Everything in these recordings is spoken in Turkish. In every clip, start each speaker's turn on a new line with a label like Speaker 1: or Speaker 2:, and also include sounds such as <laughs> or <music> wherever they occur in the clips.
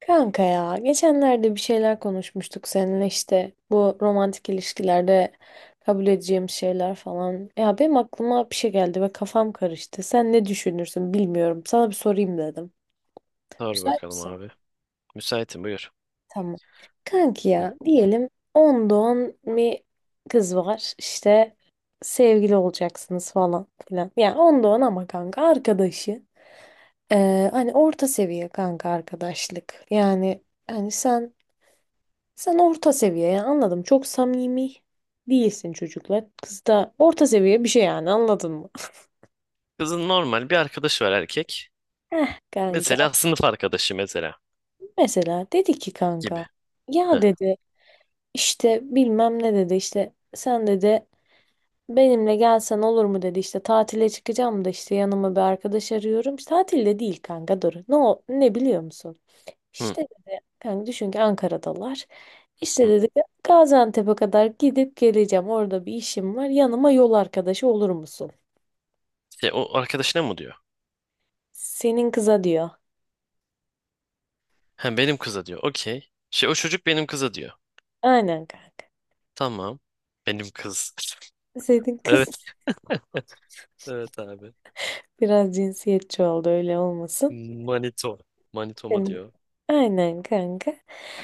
Speaker 1: Kanka ya geçenlerde bir şeyler konuşmuştuk seninle işte bu romantik ilişkilerde kabul edeceğim şeyler falan. Ya benim aklıma bir şey geldi ve kafam karıştı. Sen ne düşünürsün bilmiyorum. Sana bir sorayım dedim.
Speaker 2: Sor
Speaker 1: Müsait
Speaker 2: bakalım
Speaker 1: misin?
Speaker 2: abi. Müsaitim, buyur.
Speaker 1: Tamam. Kanki
Speaker 2: Hı.
Speaker 1: ya diyelim 10 doğan bir kız var işte sevgili olacaksınız falan filan. Yani 10 doğan ama kanka arkadaşı. Hani orta seviye kanka arkadaşlık. Yani hani sen orta seviye yani anladım. Çok samimi değilsin çocuklar. Kız da orta seviye bir şey yani anladın mı?
Speaker 2: Kızın normal bir arkadaşı var, erkek.
Speaker 1: Heh kanka.
Speaker 2: Mesela sınıf arkadaşı mesela
Speaker 1: Mesela dedi ki
Speaker 2: gibi.
Speaker 1: kanka
Speaker 2: Hı.
Speaker 1: ya dedi işte bilmem ne dedi işte sen dedi benimle gelsen olur mu dedi işte tatile çıkacağım da işte yanıma bir arkadaş arıyorum. İşte tatilde değil kanka dur. Ne, ne biliyor musun?
Speaker 2: Hı.
Speaker 1: İşte dedi kanka düşün ki Ankara'dalar. İşte
Speaker 2: Hı.
Speaker 1: dedi Gaziantep'e kadar gidip geleceğim. Orada bir işim var. Yanıma yol arkadaşı olur musun?
Speaker 2: Şey, o arkadaşına mı diyor?
Speaker 1: Senin kıza diyor.
Speaker 2: Ha, benim kıza diyor. Okey. Şey, o çocuk benim kıza diyor.
Speaker 1: Aynen kanka.
Speaker 2: Tamam. Benim kız. <laughs>
Speaker 1: Senin kız
Speaker 2: Evet. Evet abi.
Speaker 1: biraz cinsiyetçi oldu, öyle olmasın.
Speaker 2: Manito. Manitoma
Speaker 1: Senin.
Speaker 2: diyor.
Speaker 1: Aynen kanka.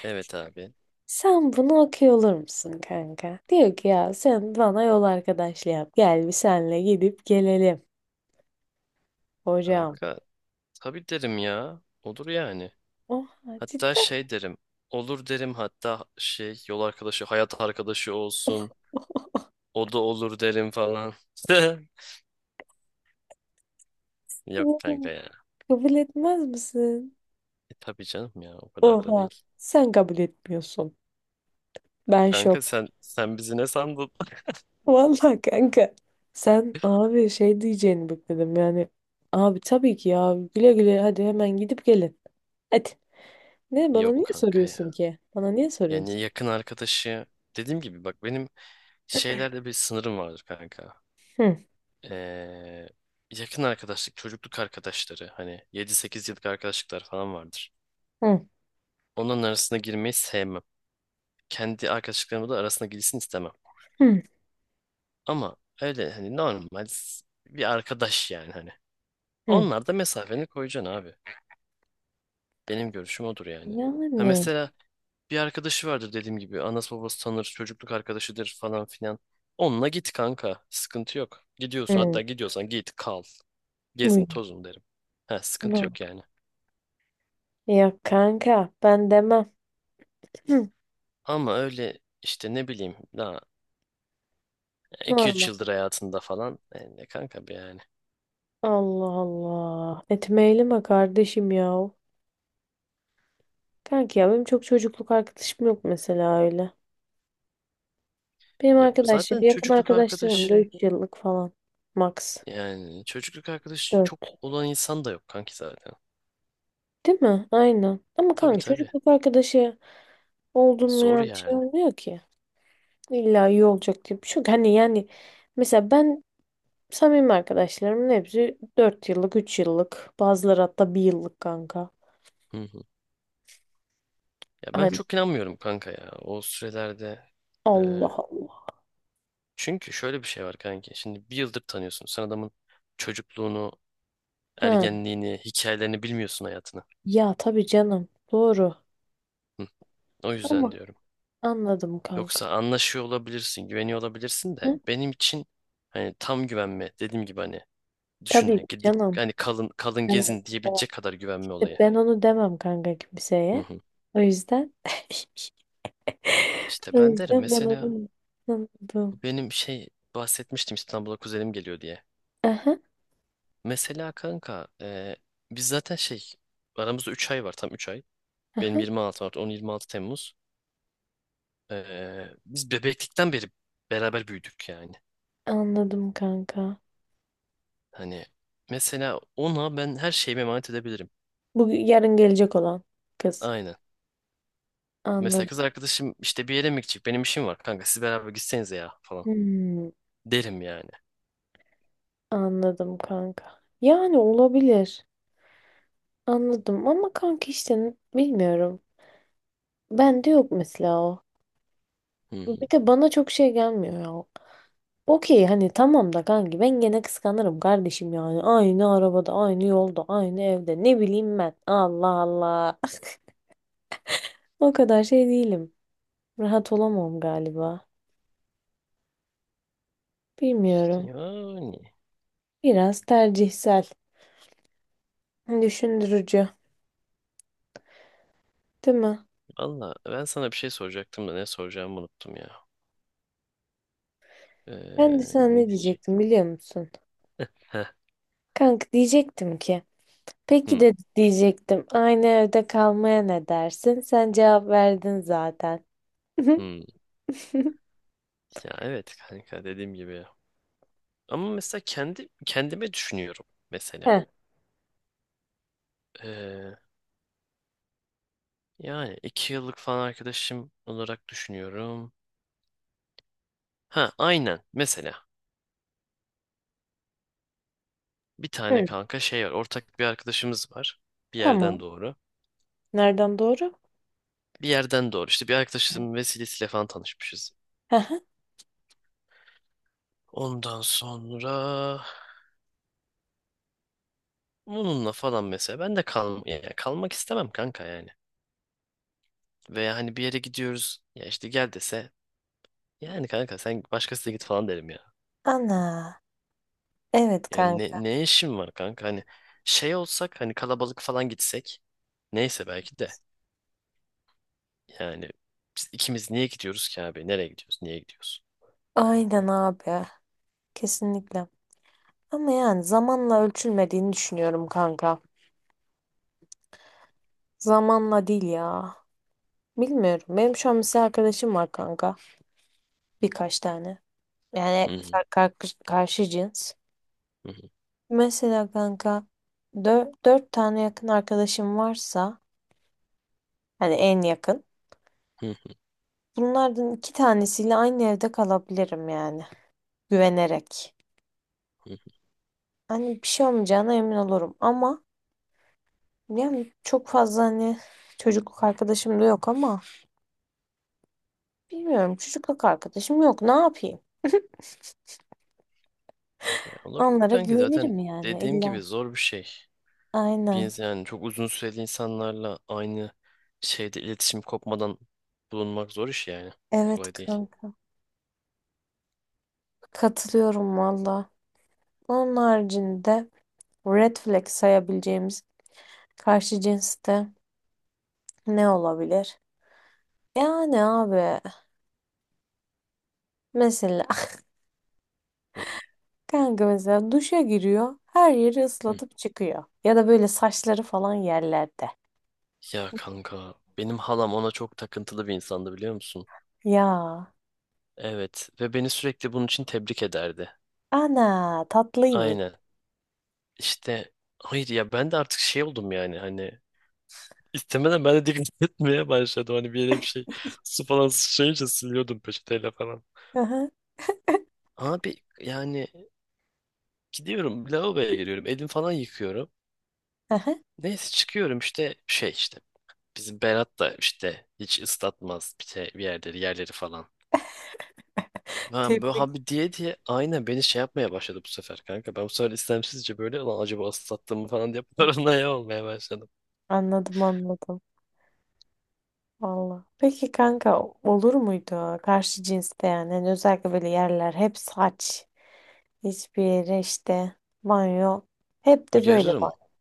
Speaker 2: Evet abi.
Speaker 1: Sen bunu okuyor olur musun kanka? Diyor ki ya sen bana yol arkadaşlığı yap. Gel bir senle gidip gelelim hocam.
Speaker 2: Kanka tabii derim ya. Olur yani.
Speaker 1: Oha,
Speaker 2: Hatta
Speaker 1: cidden
Speaker 2: şey derim. Olur derim, hatta şey, yol arkadaşı, hayat arkadaşı olsun. O da olur derim falan. <laughs> Yok
Speaker 1: mi?
Speaker 2: kanka ya.
Speaker 1: Kabul etmez misin?
Speaker 2: E tabii canım ya, o kadar da
Speaker 1: Oha,
Speaker 2: değil.
Speaker 1: sen kabul etmiyorsun. Ben şok.
Speaker 2: Kanka sen bizi ne sandın? <laughs>
Speaker 1: Vallahi kanka, sen abi şey diyeceğini bekledim yani, abi tabii ki ya güle güle hadi hemen gidip gelin. Hadi ne bana
Speaker 2: Yok
Speaker 1: niye
Speaker 2: kanka ya.
Speaker 1: soruyorsun ki? Bana niye
Speaker 2: Yani
Speaker 1: soruyorsun?
Speaker 2: yakın arkadaşı, dediğim gibi bak, benim şeylerde bir sınırım vardır kanka.
Speaker 1: Hı
Speaker 2: Ee, Yakın arkadaşlık, çocukluk arkadaşları, hani yedi sekiz yıllık arkadaşlıklar falan vardır.
Speaker 1: hı,
Speaker 2: Onların arasına girmeyi sevmem. Kendi arkadaşlıklarımla da arasına girsin istemem.
Speaker 1: hı
Speaker 2: Ama öyle hani normal bir arkadaş yani hani.
Speaker 1: hı.
Speaker 2: Onlar da mesafeni koyacaksın abi. Benim görüşüm odur yani. Ha
Speaker 1: Yani
Speaker 2: mesela, bir arkadaşı vardır dediğim gibi. Anası babası tanır, çocukluk arkadaşıdır falan filan. Onunla git kanka. Sıkıntı yok. Gidiyorsun,
Speaker 1: hı.
Speaker 2: hatta gidiyorsan git kal. Gezin
Speaker 1: Uy,
Speaker 2: tozun derim. Ha sıkıntı
Speaker 1: no.
Speaker 2: yok yani.
Speaker 1: Ya kanka, ben demem. Hı,
Speaker 2: Ama öyle işte ne bileyim, daha iki üç
Speaker 1: normal.
Speaker 2: yıldır hayatında falan. Ne kanka be yani.
Speaker 1: Allah Allah. Etmeyelim mi kardeşim ya? Kanka ya benim çok çocukluk arkadaşım yok mesela öyle. Benim
Speaker 2: Ya zaten
Speaker 1: arkadaşlarım, yakın
Speaker 2: çocukluk
Speaker 1: arkadaşlarım da
Speaker 2: arkadaşı,
Speaker 1: 3 yıllık falan. Max.
Speaker 2: yani çocukluk arkadaşı çok
Speaker 1: 4.
Speaker 2: olan insan da yok kanki zaten.
Speaker 1: Değil mi? Aynen. Ama
Speaker 2: Tabii
Speaker 1: kanka
Speaker 2: tabii.
Speaker 1: çocukluk arkadaşı oldum
Speaker 2: Zor
Speaker 1: yani şey
Speaker 2: yani.
Speaker 1: olmuyor ki. İlla iyi olacak diye bir şey yok. Hani yani mesela ben, samimi arkadaşlarımın hepsi 4 yıllık, 3 yıllık. Bazıları hatta 1 yıllık kanka.
Speaker 2: Hı. Ya ben
Speaker 1: Hani
Speaker 2: çok inanmıyorum kanka ya o sürelerde. e,
Speaker 1: Allah Allah.
Speaker 2: Çünkü şöyle bir şey var kanka. Şimdi bir yıldır tanıyorsun. Sen adamın çocukluğunu,
Speaker 1: Ha,
Speaker 2: ergenliğini, hikayelerini bilmiyorsun, hayatını.
Speaker 1: ya tabii canım. Doğru.
Speaker 2: Hı, o yüzden
Speaker 1: Ama
Speaker 2: diyorum.
Speaker 1: anladım kanka.
Speaker 2: Yoksa anlaşıyor olabilirsin, güveniyor olabilirsin de,
Speaker 1: Hı?
Speaker 2: benim için hani tam güvenme, dediğim gibi hani, düşün
Speaker 1: Tabii
Speaker 2: ya, gidip
Speaker 1: canım.
Speaker 2: hani kalın kalın
Speaker 1: Ben,
Speaker 2: gezin diyebilecek kadar güvenme olayı.
Speaker 1: ben onu demem kanka
Speaker 2: Hı
Speaker 1: kimseye.
Speaker 2: hı.
Speaker 1: O yüzden <laughs>
Speaker 2: İşte
Speaker 1: o
Speaker 2: ben derim
Speaker 1: yüzden ben
Speaker 2: mesela,
Speaker 1: onu anladım.
Speaker 2: bu benim şey, bahsetmiştim İstanbul'a kuzenim geliyor diye.
Speaker 1: Aha.
Speaker 2: Mesela kanka, biz zaten şey, aramızda 3 ay var, tam 3 ay. Benim
Speaker 1: Aha,
Speaker 2: 26 Mart, on yirmi altı Temmuz. E, Biz bebeklikten beri beraber büyüdük yani.
Speaker 1: anladım kanka.
Speaker 2: Hani mesela ona ben her şeyimi emanet edebilirim.
Speaker 1: Bu yarın gelecek olan kız.
Speaker 2: Aynen. Mesela
Speaker 1: Anladım.
Speaker 2: kız arkadaşım işte bir yere mi gidecek, benim işim var kanka, siz beraber gitsenize ya falan
Speaker 1: Hmm,
Speaker 2: derim yani.
Speaker 1: anladım kanka. Yani olabilir. Anladım ama kanka işte bilmiyorum. Bende yok mesela o.
Speaker 2: Hı hı.
Speaker 1: Bir de bana çok şey gelmiyor ya. Okey hani tamam da kanki ben gene kıskanırım kardeşim yani. Aynı arabada, aynı yolda, aynı evde. Ne bileyim ben. Allah Allah. <laughs> O kadar şey değilim. Rahat olamam galiba.
Speaker 2: İşte
Speaker 1: Bilmiyorum.
Speaker 2: yani,
Speaker 1: Biraz tercihsel. Düşündürücü, değil mi?
Speaker 2: valla ben sana bir şey soracaktım da ne soracağımı unuttum ya. E,
Speaker 1: Ben de sana ne
Speaker 2: Ne diyecek?
Speaker 1: diyecektim biliyor musun?
Speaker 2: Heh,
Speaker 1: Kanka diyecektim ki, peki
Speaker 2: hı,
Speaker 1: de diyecektim, aynı evde kalmaya ne dersin? Sen cevap verdin zaten. <laughs>
Speaker 2: hı. Ya evet kanka, dediğim gibi. Ama mesela kendi kendime düşünüyorum mesela.
Speaker 1: Heh,
Speaker 2: Ee, Yani iki yıllık falan arkadaşım olarak düşünüyorum. Ha aynen, mesela bir tane
Speaker 1: hı,
Speaker 2: kanka şey var, ortak bir arkadaşımız var, bir yerden
Speaker 1: tamam.
Speaker 2: doğru.
Speaker 1: Nereden doğru?
Speaker 2: Bir yerden doğru işte, bir arkadaşımın vesilesiyle falan tanışmışız.
Speaker 1: Aha.
Speaker 2: Ondan sonra bununla falan, mesela ben de kal, yani kalmak istemem kanka yani. Veya hani bir yere gidiyoruz ya, işte gel dese, yani kanka sen başkasına git falan derim yani."
Speaker 1: Ana, evet
Speaker 2: Yani ne,
Speaker 1: kanka.
Speaker 2: ne işin var kanka? Hani şey olsak, hani kalabalık falan gitsek. Neyse, belki de. Yani biz ikimiz niye gidiyoruz ki abi? Nereye gidiyoruz? Niye gidiyoruz?
Speaker 1: Aynen abi, kesinlikle. Ama yani zamanla ölçülmediğini düşünüyorum kanka. Zamanla değil ya. Bilmiyorum. Benim şu an mesela arkadaşım var kanka. Birkaç tane.
Speaker 2: Hı
Speaker 1: Yani
Speaker 2: hı,
Speaker 1: karşı cins.
Speaker 2: hı hı,
Speaker 1: Mesela kanka dört tane yakın arkadaşım varsa hani en yakın.
Speaker 2: hı
Speaker 1: Bunlardan iki tanesiyle aynı evde kalabilirim yani, güvenerek.
Speaker 2: hı.
Speaker 1: Hani bir şey olmayacağına emin olurum ama yani çok fazla hani çocukluk arkadaşım da yok ama bilmiyorum, çocukluk arkadaşım yok ne yapayım?
Speaker 2: Ya olabilir
Speaker 1: Onlara
Speaker 2: kanki, zaten
Speaker 1: güvenirim yani
Speaker 2: dediğim
Speaker 1: illa.
Speaker 2: gibi zor bir şey.
Speaker 1: Aynen.
Speaker 2: Biz yani çok uzun süreli insanlarla aynı şeyde iletişim kopmadan bulunmak zor iş yani.
Speaker 1: Evet
Speaker 2: Kolay değil.
Speaker 1: kanka. Katılıyorum valla. Onun haricinde red flag sayabileceğimiz karşı cinste ne olabilir? Yani abi mesela
Speaker 2: Hı
Speaker 1: <laughs> kanka mesela duşa giriyor, her yeri
Speaker 2: hı.
Speaker 1: ıslatıp çıkıyor. Ya da böyle saçları falan yerlerde.
Speaker 2: Ya kanka, benim halam ona çok takıntılı bir insandı, biliyor musun?
Speaker 1: Ya
Speaker 2: Evet, ve beni sürekli bunun için tebrik ederdi.
Speaker 1: ana tatlıymış.
Speaker 2: Aynen. İşte hayır ya, ben de artık şey oldum yani hani, istemeden ben de dikkat <laughs> etmeye başladım, hani bir yere bir şey, su falan sıçrayınca siliyordum peçeteyle falan.
Speaker 1: Aha,
Speaker 2: Abi yani, gidiyorum lavaboya, giriyorum, elim falan yıkıyorum.
Speaker 1: aha.
Speaker 2: Neyse, çıkıyorum işte şey, işte bizim Berat da işte hiç ıslatmaz bir yerleri falan. Ben böyle
Speaker 1: Tebrik.
Speaker 2: abi diye diye, aynen beni şey yapmaya başladı bu sefer kanka. Ben bu sefer istemsizce böyle, lan acaba ıslattım mı falan diye <laughs> paranoya olmaya başladım.
Speaker 1: Anladım anladım. Valla. Peki kanka olur muydu karşı cinste yani? Hani özellikle böyle yerler, hep saç. Hiçbir yere işte, banyo. Hep de böyle
Speaker 2: Uyarırım.
Speaker 1: banyo.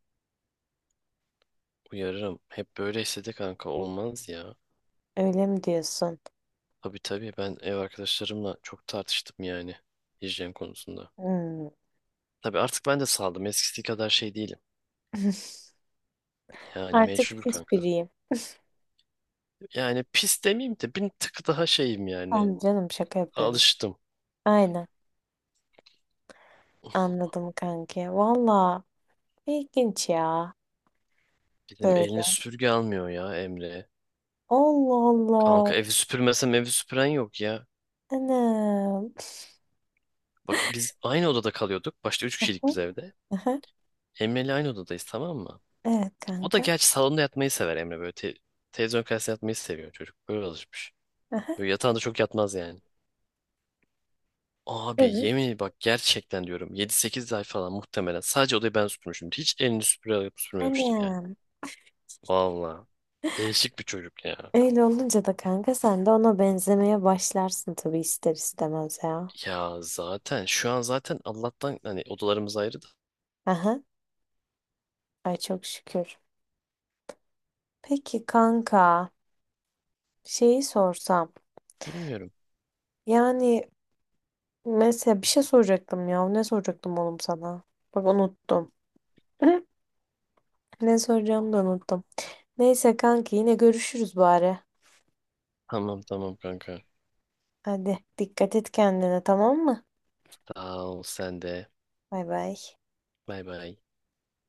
Speaker 2: Uyarırım. Hep böyle istedi kanka. Olmaz ya.
Speaker 1: Öyle mi diyorsun?
Speaker 2: Tabii tabii, ben ev arkadaşlarımla çok tartıştım yani, hijyen konusunda.
Speaker 1: Hmm.
Speaker 2: Tabii artık ben de saldım. Eskisi kadar şey değilim.
Speaker 1: <laughs>
Speaker 2: Yani
Speaker 1: Artık
Speaker 2: mecbur
Speaker 1: pis
Speaker 2: kanka.
Speaker 1: biriyim.
Speaker 2: Yani pis demeyeyim de, bir tık daha şeyim yani.
Speaker 1: Anladım. Canım şaka yapıyorum.
Speaker 2: Alıştım.
Speaker 1: Aynen. Anladım kanki. Valla ilginç ya.
Speaker 2: Dedim elini
Speaker 1: Böyle.
Speaker 2: süpürge almıyor ya Emre.
Speaker 1: Allah Allah.
Speaker 2: Kanka, evi süpürmesem evi süpüren yok ya.
Speaker 1: Anam.
Speaker 2: Bak, biz aynı odada kalıyorduk. Başta üç kişilik
Speaker 1: Aha,
Speaker 2: biz evde.
Speaker 1: aha.
Speaker 2: Emre ile aynı odadayız, tamam mı?
Speaker 1: Evet
Speaker 2: O da
Speaker 1: kanka.
Speaker 2: gerçi salonda yatmayı sever Emre, böyle. Televizyon karşısında yatmayı seviyor çocuk. Böyle alışmış.
Speaker 1: Aha.
Speaker 2: Böyle yatağında çok yatmaz yani. Abi yemin
Speaker 1: Evet.
Speaker 2: ederim, bak gerçekten diyorum, yedi sekiz ay falan muhtemelen sadece odayı ben süpürmüşüm. Hiç elini süpüre alıp süpürmemiştir yani.
Speaker 1: Anam.
Speaker 2: Valla değişik bir çocuk ya.
Speaker 1: Öyle olunca da kanka sen de ona benzemeye başlarsın tabii, ister istemez ya.
Speaker 2: Ya zaten şu an zaten Allah'tan hani odalarımız ayrı da,
Speaker 1: Aha. Ay çok şükür. Peki kanka şeyi sorsam.
Speaker 2: bilmiyorum.
Speaker 1: Yani mesela bir şey soracaktım ya. Ne soracaktım oğlum sana? Bak unuttum. <laughs> Ne soracağımı da unuttum. Neyse kanki yine görüşürüz bari.
Speaker 2: Tamam tamam kanka.
Speaker 1: Hadi dikkat et kendine, tamam mı?
Speaker 2: Sağ ol, sen de.
Speaker 1: Bay bay.
Speaker 2: Bay bay.